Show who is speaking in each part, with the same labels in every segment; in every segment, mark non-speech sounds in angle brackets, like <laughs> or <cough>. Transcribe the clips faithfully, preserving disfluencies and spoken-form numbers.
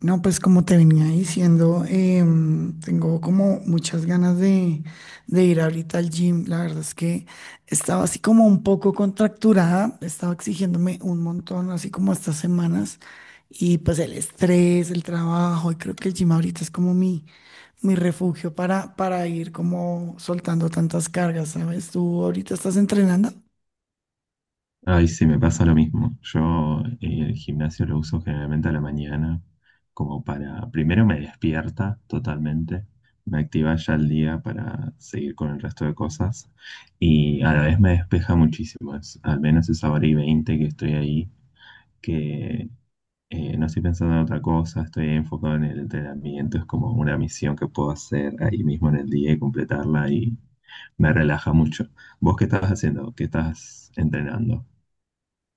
Speaker 1: No, pues como te venía diciendo, em, tengo como muchas ganas de, de ir ahorita al gym. La verdad es que estaba así como un poco contracturada, estaba exigiéndome un montón, así como estas semanas. Y pues el estrés, el trabajo, y creo que el gym ahorita es como mi, mi refugio para, para ir como soltando tantas cargas, ¿sabes? ¿Tú ahorita estás entrenando?
Speaker 2: Ay, sí, me pasa lo mismo. Yo eh, el gimnasio lo uso generalmente a la mañana, como para, primero me despierta totalmente, me activa ya el día para seguir con el resto de cosas y a la vez me despeja muchísimo, es- al menos esa hora y veinte que estoy ahí, que eh, no estoy pensando en otra cosa, estoy enfocado en el entrenamiento, es como una misión que puedo hacer ahí mismo en el día y completarla y me relaja mucho. ¿Vos qué estás haciendo? ¿Qué estás entrenando?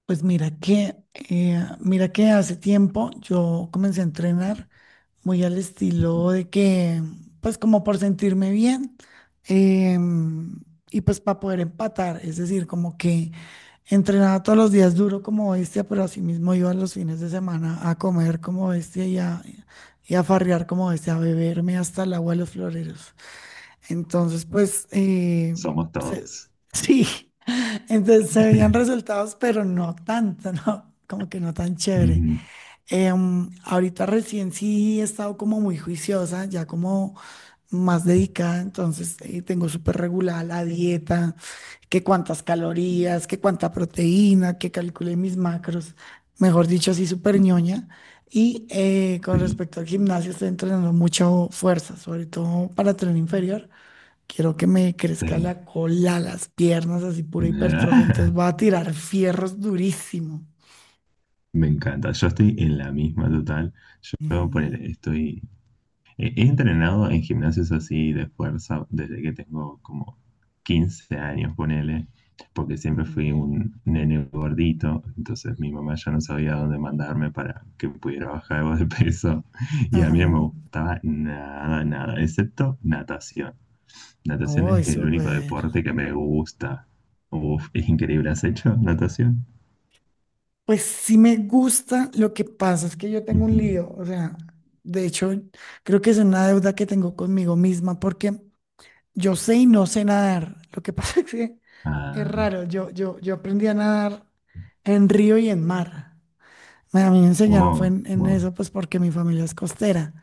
Speaker 1: Pues mira que, eh, mira que hace tiempo yo comencé a entrenar muy al estilo de que, pues como por sentirme bien, em, y pues para poder empatar, es decir, como que entrenaba todos los días duro como bestia, pero asimismo iba los fines de semana a comer como bestia y a, y a farrear como bestia, a beberme hasta el agua de los floreros. Entonces, pues eh,
Speaker 2: Somos
Speaker 1: se-
Speaker 2: todos.
Speaker 1: <laughs> sí, entonces se veían
Speaker 2: <laughs>
Speaker 1: resultados, pero no tanto, ¿no? Como que no tan chévere.
Speaker 2: Ujú.
Speaker 1: Em, ahorita recién sí he estado como muy juiciosa, ya como más dedicada, entonces eh, tengo súper regulada la dieta, que cuántas calorías, que cuánta proteína, que calculé mis macros, mejor dicho, así súper ñoña. Y eh, con
Speaker 2: Sí,
Speaker 1: respecto al gimnasio, estoy entrenando mucho fuerza, sobre todo para tren inferior. Quiero que me crezca
Speaker 2: sí.
Speaker 1: la cola, las piernas, así pura hipertrofia, entonces voy
Speaker 2: <laughs> Ah,
Speaker 1: a tirar fierros durísimo.
Speaker 2: me encanta. Yo estoy en la misma total. Yo
Speaker 1: Ujú,
Speaker 2: ponele, estoy. He he entrenado en gimnasios así de fuerza desde que tengo como quince años, ponele. Porque siempre
Speaker 1: ujú.
Speaker 2: fui un nene gordito. Entonces mi mamá ya no sabía dónde mandarme para que pudiera bajar algo de peso. <laughs> Y a
Speaker 1: Ajá.
Speaker 2: mí no me gustaba nada, nada, excepto natación. Natación
Speaker 1: Uy,
Speaker 2: es el único
Speaker 1: súper.
Speaker 2: deporte que me gusta. Uf, es increíble, ¿has hecho natación?
Speaker 1: Pues sí me gusta, lo que pasa es que yo tengo un
Speaker 2: Ujú.
Speaker 1: lío, o sea, de hecho, creo que es una deuda que tengo conmigo misma porque yo sé y no sé nadar. Lo que pasa <laughs> es que es
Speaker 2: Ah,
Speaker 1: raro, yo, yo, yo aprendí a nadar en río y en mar. Me- A mí me enseñaron fue
Speaker 2: wow,
Speaker 1: en, en
Speaker 2: wow,
Speaker 1: eso, pues porque mi familia es costera.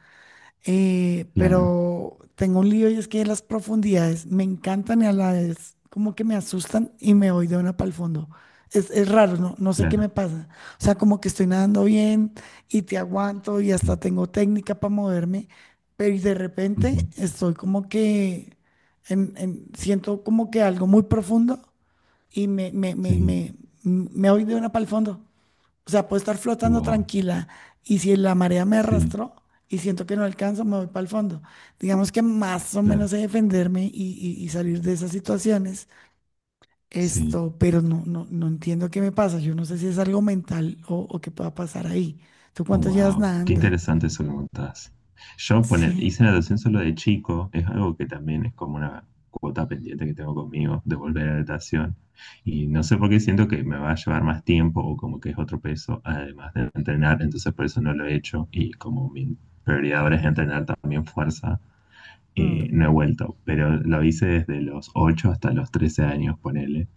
Speaker 1: eh,
Speaker 2: claro,
Speaker 1: Pero tengo un lío y es que las profundidades me encantan y a la vez como que me asustan y me voy de una para el fondo. Es, es raro, no, no sé qué
Speaker 2: claro,
Speaker 1: me pasa. O sea, como que estoy nadando bien y te aguanto y
Speaker 2: sí,
Speaker 1: hasta tengo técnica para moverme, pero y de repente
Speaker 2: ujú,
Speaker 1: estoy como que en- en- siento como que algo muy profundo y me, me, me,
Speaker 2: sí,
Speaker 1: me, me voy de una para el fondo. O sea, puedo estar flotando
Speaker 2: wow,
Speaker 1: tranquila y si la marea me
Speaker 2: sí,
Speaker 1: arrastró y siento que no alcanzo, me voy para el fondo. Digamos que más o
Speaker 2: claro,
Speaker 1: menos sé defenderme y, y- y salir de esas situaciones.
Speaker 2: sí.
Speaker 1: Esto, pero no, no, no entiendo qué me pasa. Yo no sé si es algo mental o, o qué pueda pasar ahí. ¿Tú cuánto llevas
Speaker 2: Wow, qué
Speaker 1: nadando?
Speaker 2: interesante eso que contás. Yo poner,
Speaker 1: Sí.
Speaker 2: hice natación solo de chico, es algo que también es como una cuota pendiente que tengo conmigo de volver a la natación. Y no sé por qué siento que me va a llevar más tiempo o como que es otro peso, además de entrenar, entonces por eso no lo he hecho. Y como mi prioridad ahora es entrenar también fuerza,
Speaker 1: Mm.
Speaker 2: eh, no he vuelto. Pero lo hice desde los ocho hasta los trece años, ponele.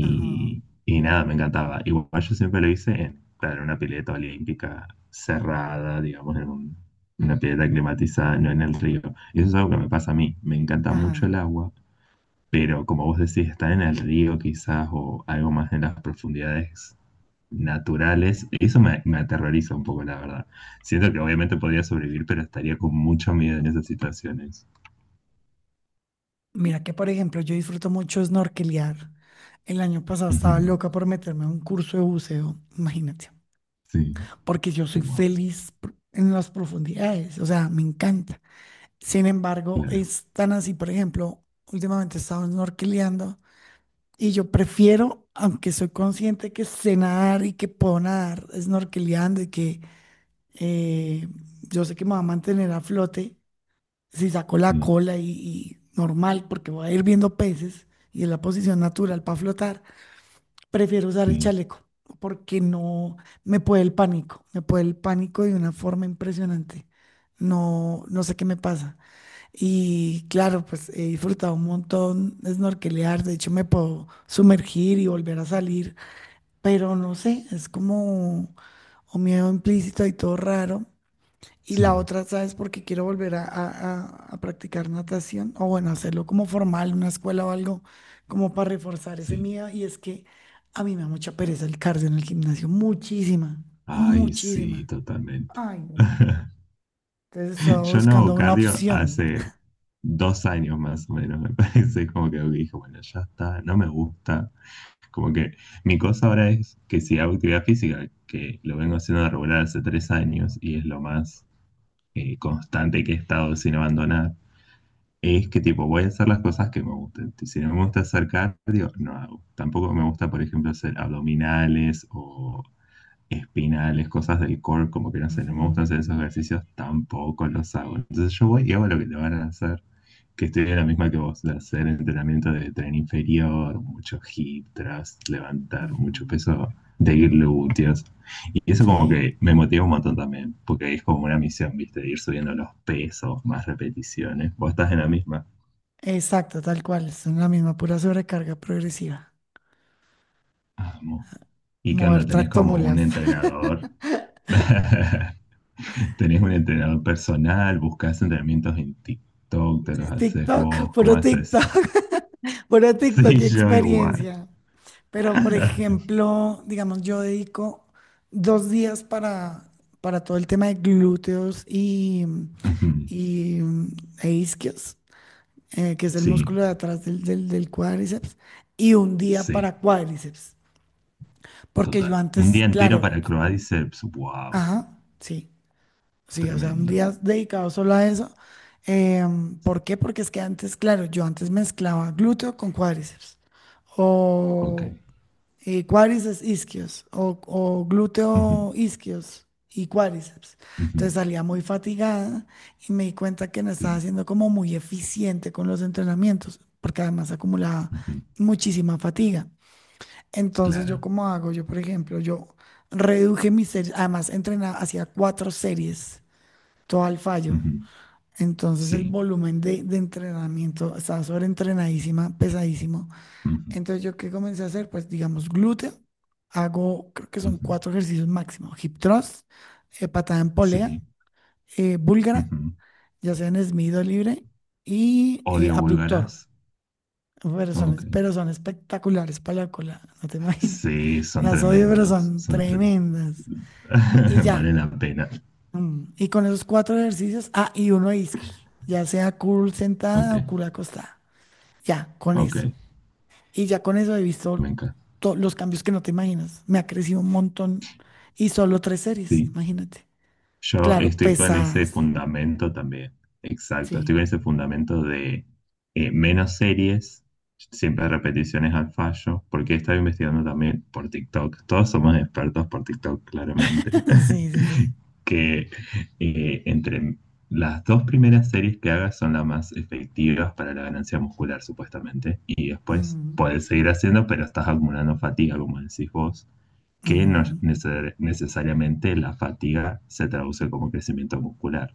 Speaker 1: Ajá,
Speaker 2: y nada, me encantaba. Igual yo siempre lo hice en, claro, en una pileta olímpica cerrada, digamos, en un- una pileta climatizada, no en el río. Y eso es algo que me pasa a mí. Me encanta mucho
Speaker 1: ajá.
Speaker 2: el agua, pero como vos decís, estar en el río quizás o algo más en las profundidades naturales, eso me, me aterroriza un poco, la verdad. Siento que obviamente podría sobrevivir, pero estaría con mucho miedo en esas situaciones.
Speaker 1: Mira que, por ejemplo, yo disfruto mucho snorkelear. El año pasado estaba
Speaker 2: Ujú.
Speaker 1: loca por meterme a un curso de buceo, imagínate.
Speaker 2: Sí,
Speaker 1: Porque yo soy
Speaker 2: wow,
Speaker 1: feliz pr- en las profundidades, o sea, me encanta. Sin embargo,
Speaker 2: claro,
Speaker 1: es tan así, por ejemplo, últimamente he estado snorkeleando y yo prefiero, aunque soy consciente que sé nadar y que puedo nadar snorkeleando y que eh, yo sé que me va a mantener a flote, si saco la
Speaker 2: sí,
Speaker 1: cola y, y normal, porque voy a ir viendo peces y es la posición natural para flotar, prefiero usar el
Speaker 2: sí,
Speaker 1: chaleco porque no me puede el pánico, me puede el pánico de una forma impresionante. No, no sé qué me pasa. Y claro, pues he disfrutado un montón de snorkelear, de hecho me puedo sumergir y volver a salir, pero no sé, es como un miedo implícito y todo raro. Y la
Speaker 2: sí,
Speaker 1: otra, ¿sabes? Porque quiero volver a, a- a- a practicar natación, o bueno, hacerlo como formal, una escuela o algo, como para reforzar ese
Speaker 2: sí.
Speaker 1: miedo. Y es que a mí me da mucha pereza el cardio en el gimnasio, muchísima,
Speaker 2: Ay, sí,
Speaker 1: muchísima.
Speaker 2: totalmente.
Speaker 1: Ay, no.
Speaker 2: <laughs>
Speaker 1: Entonces estaba
Speaker 2: Yo no
Speaker 1: buscando
Speaker 2: hago
Speaker 1: una
Speaker 2: cardio
Speaker 1: opción.
Speaker 2: hace dos años más o menos, me <laughs> parece, como que dije, bueno, ya está, no me gusta. Como que mi cosa ahora es que si hago actividad física, que lo vengo haciendo de regular hace tres años y es lo más eh, constante que he estado sin abandonar, es que tipo voy a hacer las cosas que me gusten. Si no me gusta hacer cardio, no hago. Tampoco me gusta, por ejemplo, hacer abdominales o espinales, cosas del core, como que no sé, no
Speaker 1: Ujú,
Speaker 2: me gustan hacer esos ejercicios, tampoco los hago. Entonces yo voy y hago lo que te van a hacer, que estoy en la misma que vos, de hacer entrenamiento de tren inferior, mucho hip thrust, levantar mucho
Speaker 1: ujú.
Speaker 2: peso de glúteos. Y eso como
Speaker 1: Sí,
Speaker 2: que me motiva un montón también, porque ahí es como una misión, ¿viste? Ir subiendo los pesos, más repeticiones. Vos estás en la misma.
Speaker 1: exacto, tal cual. Son la misma pura sobrecarga progresiva.
Speaker 2: Amo. ¿Y qué
Speaker 1: Mover
Speaker 2: onda? ¿Tenés como un
Speaker 1: tractomulas.
Speaker 2: entrenador? <laughs> ¿Tenés un entrenador personal? ¿Buscás entrenamientos en TikTok? ¿Te los
Speaker 1: <laughs>
Speaker 2: haces
Speaker 1: TikTok,
Speaker 2: vos? ¿Cómo
Speaker 1: puro
Speaker 2: haces?
Speaker 1: TikTok, <laughs> puro
Speaker 2: <laughs>
Speaker 1: TikTok
Speaker 2: Sí,
Speaker 1: y
Speaker 2: yo igual.
Speaker 1: experiencia. Pero, por
Speaker 2: <laughs>
Speaker 1: ejemplo, digamos, yo dedico dos días para, para todo el tema de glúteos y,
Speaker 2: Ujú.
Speaker 1: y, mm, e isquios, eh, que es el
Speaker 2: Sí,
Speaker 1: músculo de atrás del, del, del cuádriceps, y un día
Speaker 2: sí,
Speaker 1: para cuádriceps. Porque yo
Speaker 2: total. Un
Speaker 1: antes,
Speaker 2: día entero
Speaker 1: claro,
Speaker 2: para Croadiceps. Wow,
Speaker 1: ajá, sí, sí, o sea, un
Speaker 2: tremendo.
Speaker 1: día dedicado solo a eso. Em, ¿por qué? Porque es que antes, claro, yo antes mezclaba glúteo con cuádriceps.
Speaker 2: Ok.
Speaker 1: O eh, cuádriceps isquios o, o
Speaker 2: Ujú,
Speaker 1: glúteo isquios y cuádriceps. Entonces
Speaker 2: ujú,
Speaker 1: salía muy fatigada y me di cuenta que no estaba
Speaker 2: sí.
Speaker 1: haciendo como muy eficiente con los entrenamientos, porque además acumulaba
Speaker 2: Ujú.
Speaker 1: muchísima fatiga. Entonces yo
Speaker 2: Claro.
Speaker 1: como hago, yo por ejemplo, yo reduje mis series, además entrenaba, hacía cuatro series, todo al fallo.
Speaker 2: Ujú.
Speaker 1: Entonces el
Speaker 2: Sí.
Speaker 1: volumen de, de entrenamiento estaba sobreentrenadísima, pesadísimo.
Speaker 2: Ujú.
Speaker 1: Entonces, ¿yo qué comencé a hacer? Pues, digamos, glúteo. Hago, creo que son
Speaker 2: Ujú.
Speaker 1: cuatro ejercicios máximo. Hip thrust, eh, patada en polea,
Speaker 2: Sí.
Speaker 1: eh, búlgara,
Speaker 2: Ujú.
Speaker 1: ya sea en Smith o libre, y eh,
Speaker 2: Odio
Speaker 1: abductor.
Speaker 2: búlgaras.
Speaker 1: Pero son,
Speaker 2: Ok.
Speaker 1: pero son espectaculares para la cola, no te <laughs> imaginas.
Speaker 2: Sí, son
Speaker 1: Las odio, pero
Speaker 2: tremendos.
Speaker 1: son
Speaker 2: Son tremendos.
Speaker 1: tremendas. Y
Speaker 2: <laughs>
Speaker 1: ya.
Speaker 2: Vale la pena.
Speaker 1: mm, Y con esos cuatro ejercicios, ah, y uno de isquios, ya sea curl sentada
Speaker 2: Ok.
Speaker 1: o curl acostada. Ya, con
Speaker 2: Ok.
Speaker 1: eso. Y ya con eso he visto
Speaker 2: Me encanta.
Speaker 1: todos los cambios que no te imaginas. Me ha crecido un montón y solo tres series,
Speaker 2: Sí.
Speaker 1: imagínate.
Speaker 2: Yo
Speaker 1: Claro,
Speaker 2: estoy con ese
Speaker 1: pesadas.
Speaker 2: fundamento también. Exacto,
Speaker 1: Sí.
Speaker 2: estoy con ese fundamento de eh, menos series, siempre repeticiones al fallo, porque he estado investigando también por TikTok. Todos somos expertos por TikTok, claramente.
Speaker 1: <laughs> Sí, sí, sí.
Speaker 2: <laughs> Que eh, entre las dos primeras series que hagas son las más efectivas para la ganancia muscular, supuestamente. Y después
Speaker 1: Ujú,
Speaker 2: puedes seguir haciendo, pero estás acumulando fatiga, como decís vos que no
Speaker 1: ujú.
Speaker 2: neces- necesariamente la fatiga se traduce como crecimiento muscular.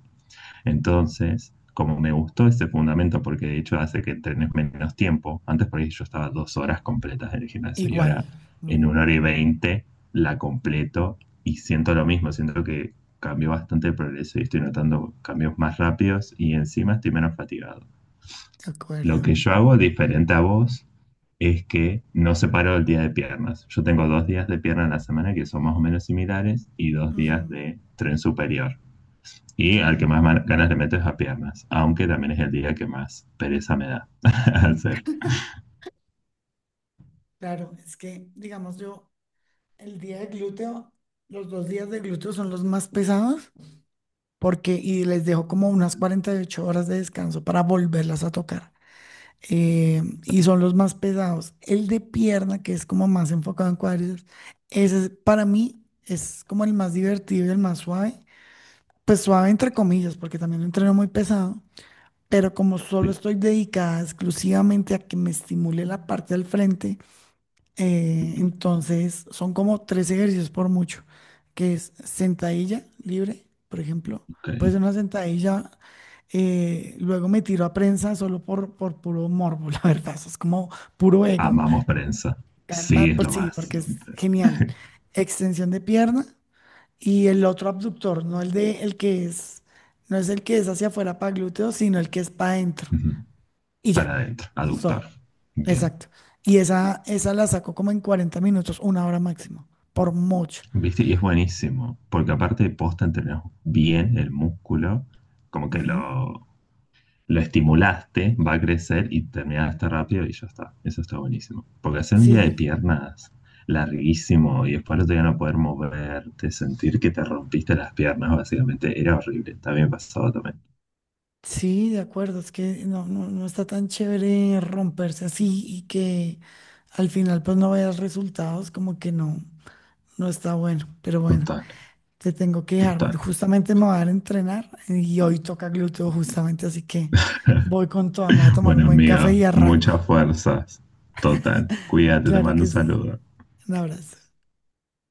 Speaker 2: Entonces, como me gustó ese fundamento, porque de hecho hace que entrenes menos tiempo, antes por ahí yo estaba dos horas completas en el gimnasio y
Speaker 1: Igual.
Speaker 2: ahora
Speaker 1: mm,
Speaker 2: en una hora y veinte la completo y siento lo mismo, siento que cambió bastante el progreso y estoy notando cambios más rápidos y encima estoy menos fatigado.
Speaker 1: De
Speaker 2: Lo
Speaker 1: acuerdo.
Speaker 2: que yo hago diferente a vos es que no separo el día de piernas. Yo tengo dos días de pierna en la semana que son más o menos similares y dos
Speaker 1: Ujú,
Speaker 2: días de tren superior. Y al
Speaker 1: ujú.
Speaker 2: que más man- ganas le meto es a piernas, aunque también es el día que más pereza me da <laughs> hacer.
Speaker 1: Claro, es que, digamos, yo el día de glúteo, los dos días de glúteo son los más pesados porque y les dejo como unas cuarenta y ocho horas de descanso para volverlas a tocar. Eh, y son los más pesados. El de pierna, que es como más enfocado en cuádriceps, ese es- para mí es como el más divertido y el más suave. Pues suave entre comillas, porque también lo entreno muy pesado, pero como solo
Speaker 2: Sí,
Speaker 1: estoy dedicada exclusivamente a que me estimule la parte del frente, eh, entonces, son como tres ejercicios por mucho, que es sentadilla libre, por ejemplo.
Speaker 2: ok.
Speaker 1: Puede ser una sentadilla, eh, luego me tiro a prensa solo por, por puro morbo, <laughs> la verdad, eso es como puro ego.
Speaker 2: Amamos prensa. Sí,
Speaker 1: Canta
Speaker 2: es
Speaker 1: por
Speaker 2: lo
Speaker 1: sí,
Speaker 2: más.
Speaker 1: porque es genial. Extensión de pierna y el otro abductor, no el de el que es, no es el que es hacia afuera para glúteos, sino el que es para adentro
Speaker 2: Ujú.
Speaker 1: y ya.
Speaker 2: Para adentro,
Speaker 1: Eso es
Speaker 2: aductor.
Speaker 1: todo.
Speaker 2: Bien.
Speaker 1: Exacto. Y esa, esa la saco como en cuarenta minutos, una hora máximo, por mucho.
Speaker 2: ¿Viste? Y es buenísimo, porque aparte de posta entrenas bien el músculo, como que
Speaker 1: Ujú.
Speaker 2: lo, lo estimulaste, va a crecer y terminaste rápido y ya está. Eso está buenísimo. Porque hacer un día de
Speaker 1: Sí,
Speaker 2: piernas larguísimo y después no te van a poder moverte, sentir que te rompiste las piernas, básicamente, era horrible. También pasaba también.
Speaker 1: sí, de acuerdo. Es que no, no, no está tan chévere romperse así y que al final pues no veas resultados, como que no, no está bueno. Pero bueno,
Speaker 2: Total,
Speaker 1: te tengo que dejar.
Speaker 2: total.
Speaker 1: Justamente me voy a dar a entrenar y hoy toca glúteo justamente, así que
Speaker 2: <laughs>
Speaker 1: voy con todo. Me voy a tomar un
Speaker 2: Bueno,
Speaker 1: buen café
Speaker 2: amiga,
Speaker 1: y arranco.
Speaker 2: muchas fuerzas. Total. Cuídate, te
Speaker 1: Claro
Speaker 2: mando un
Speaker 1: que sí.
Speaker 2: saludo.
Speaker 1: Un abrazo.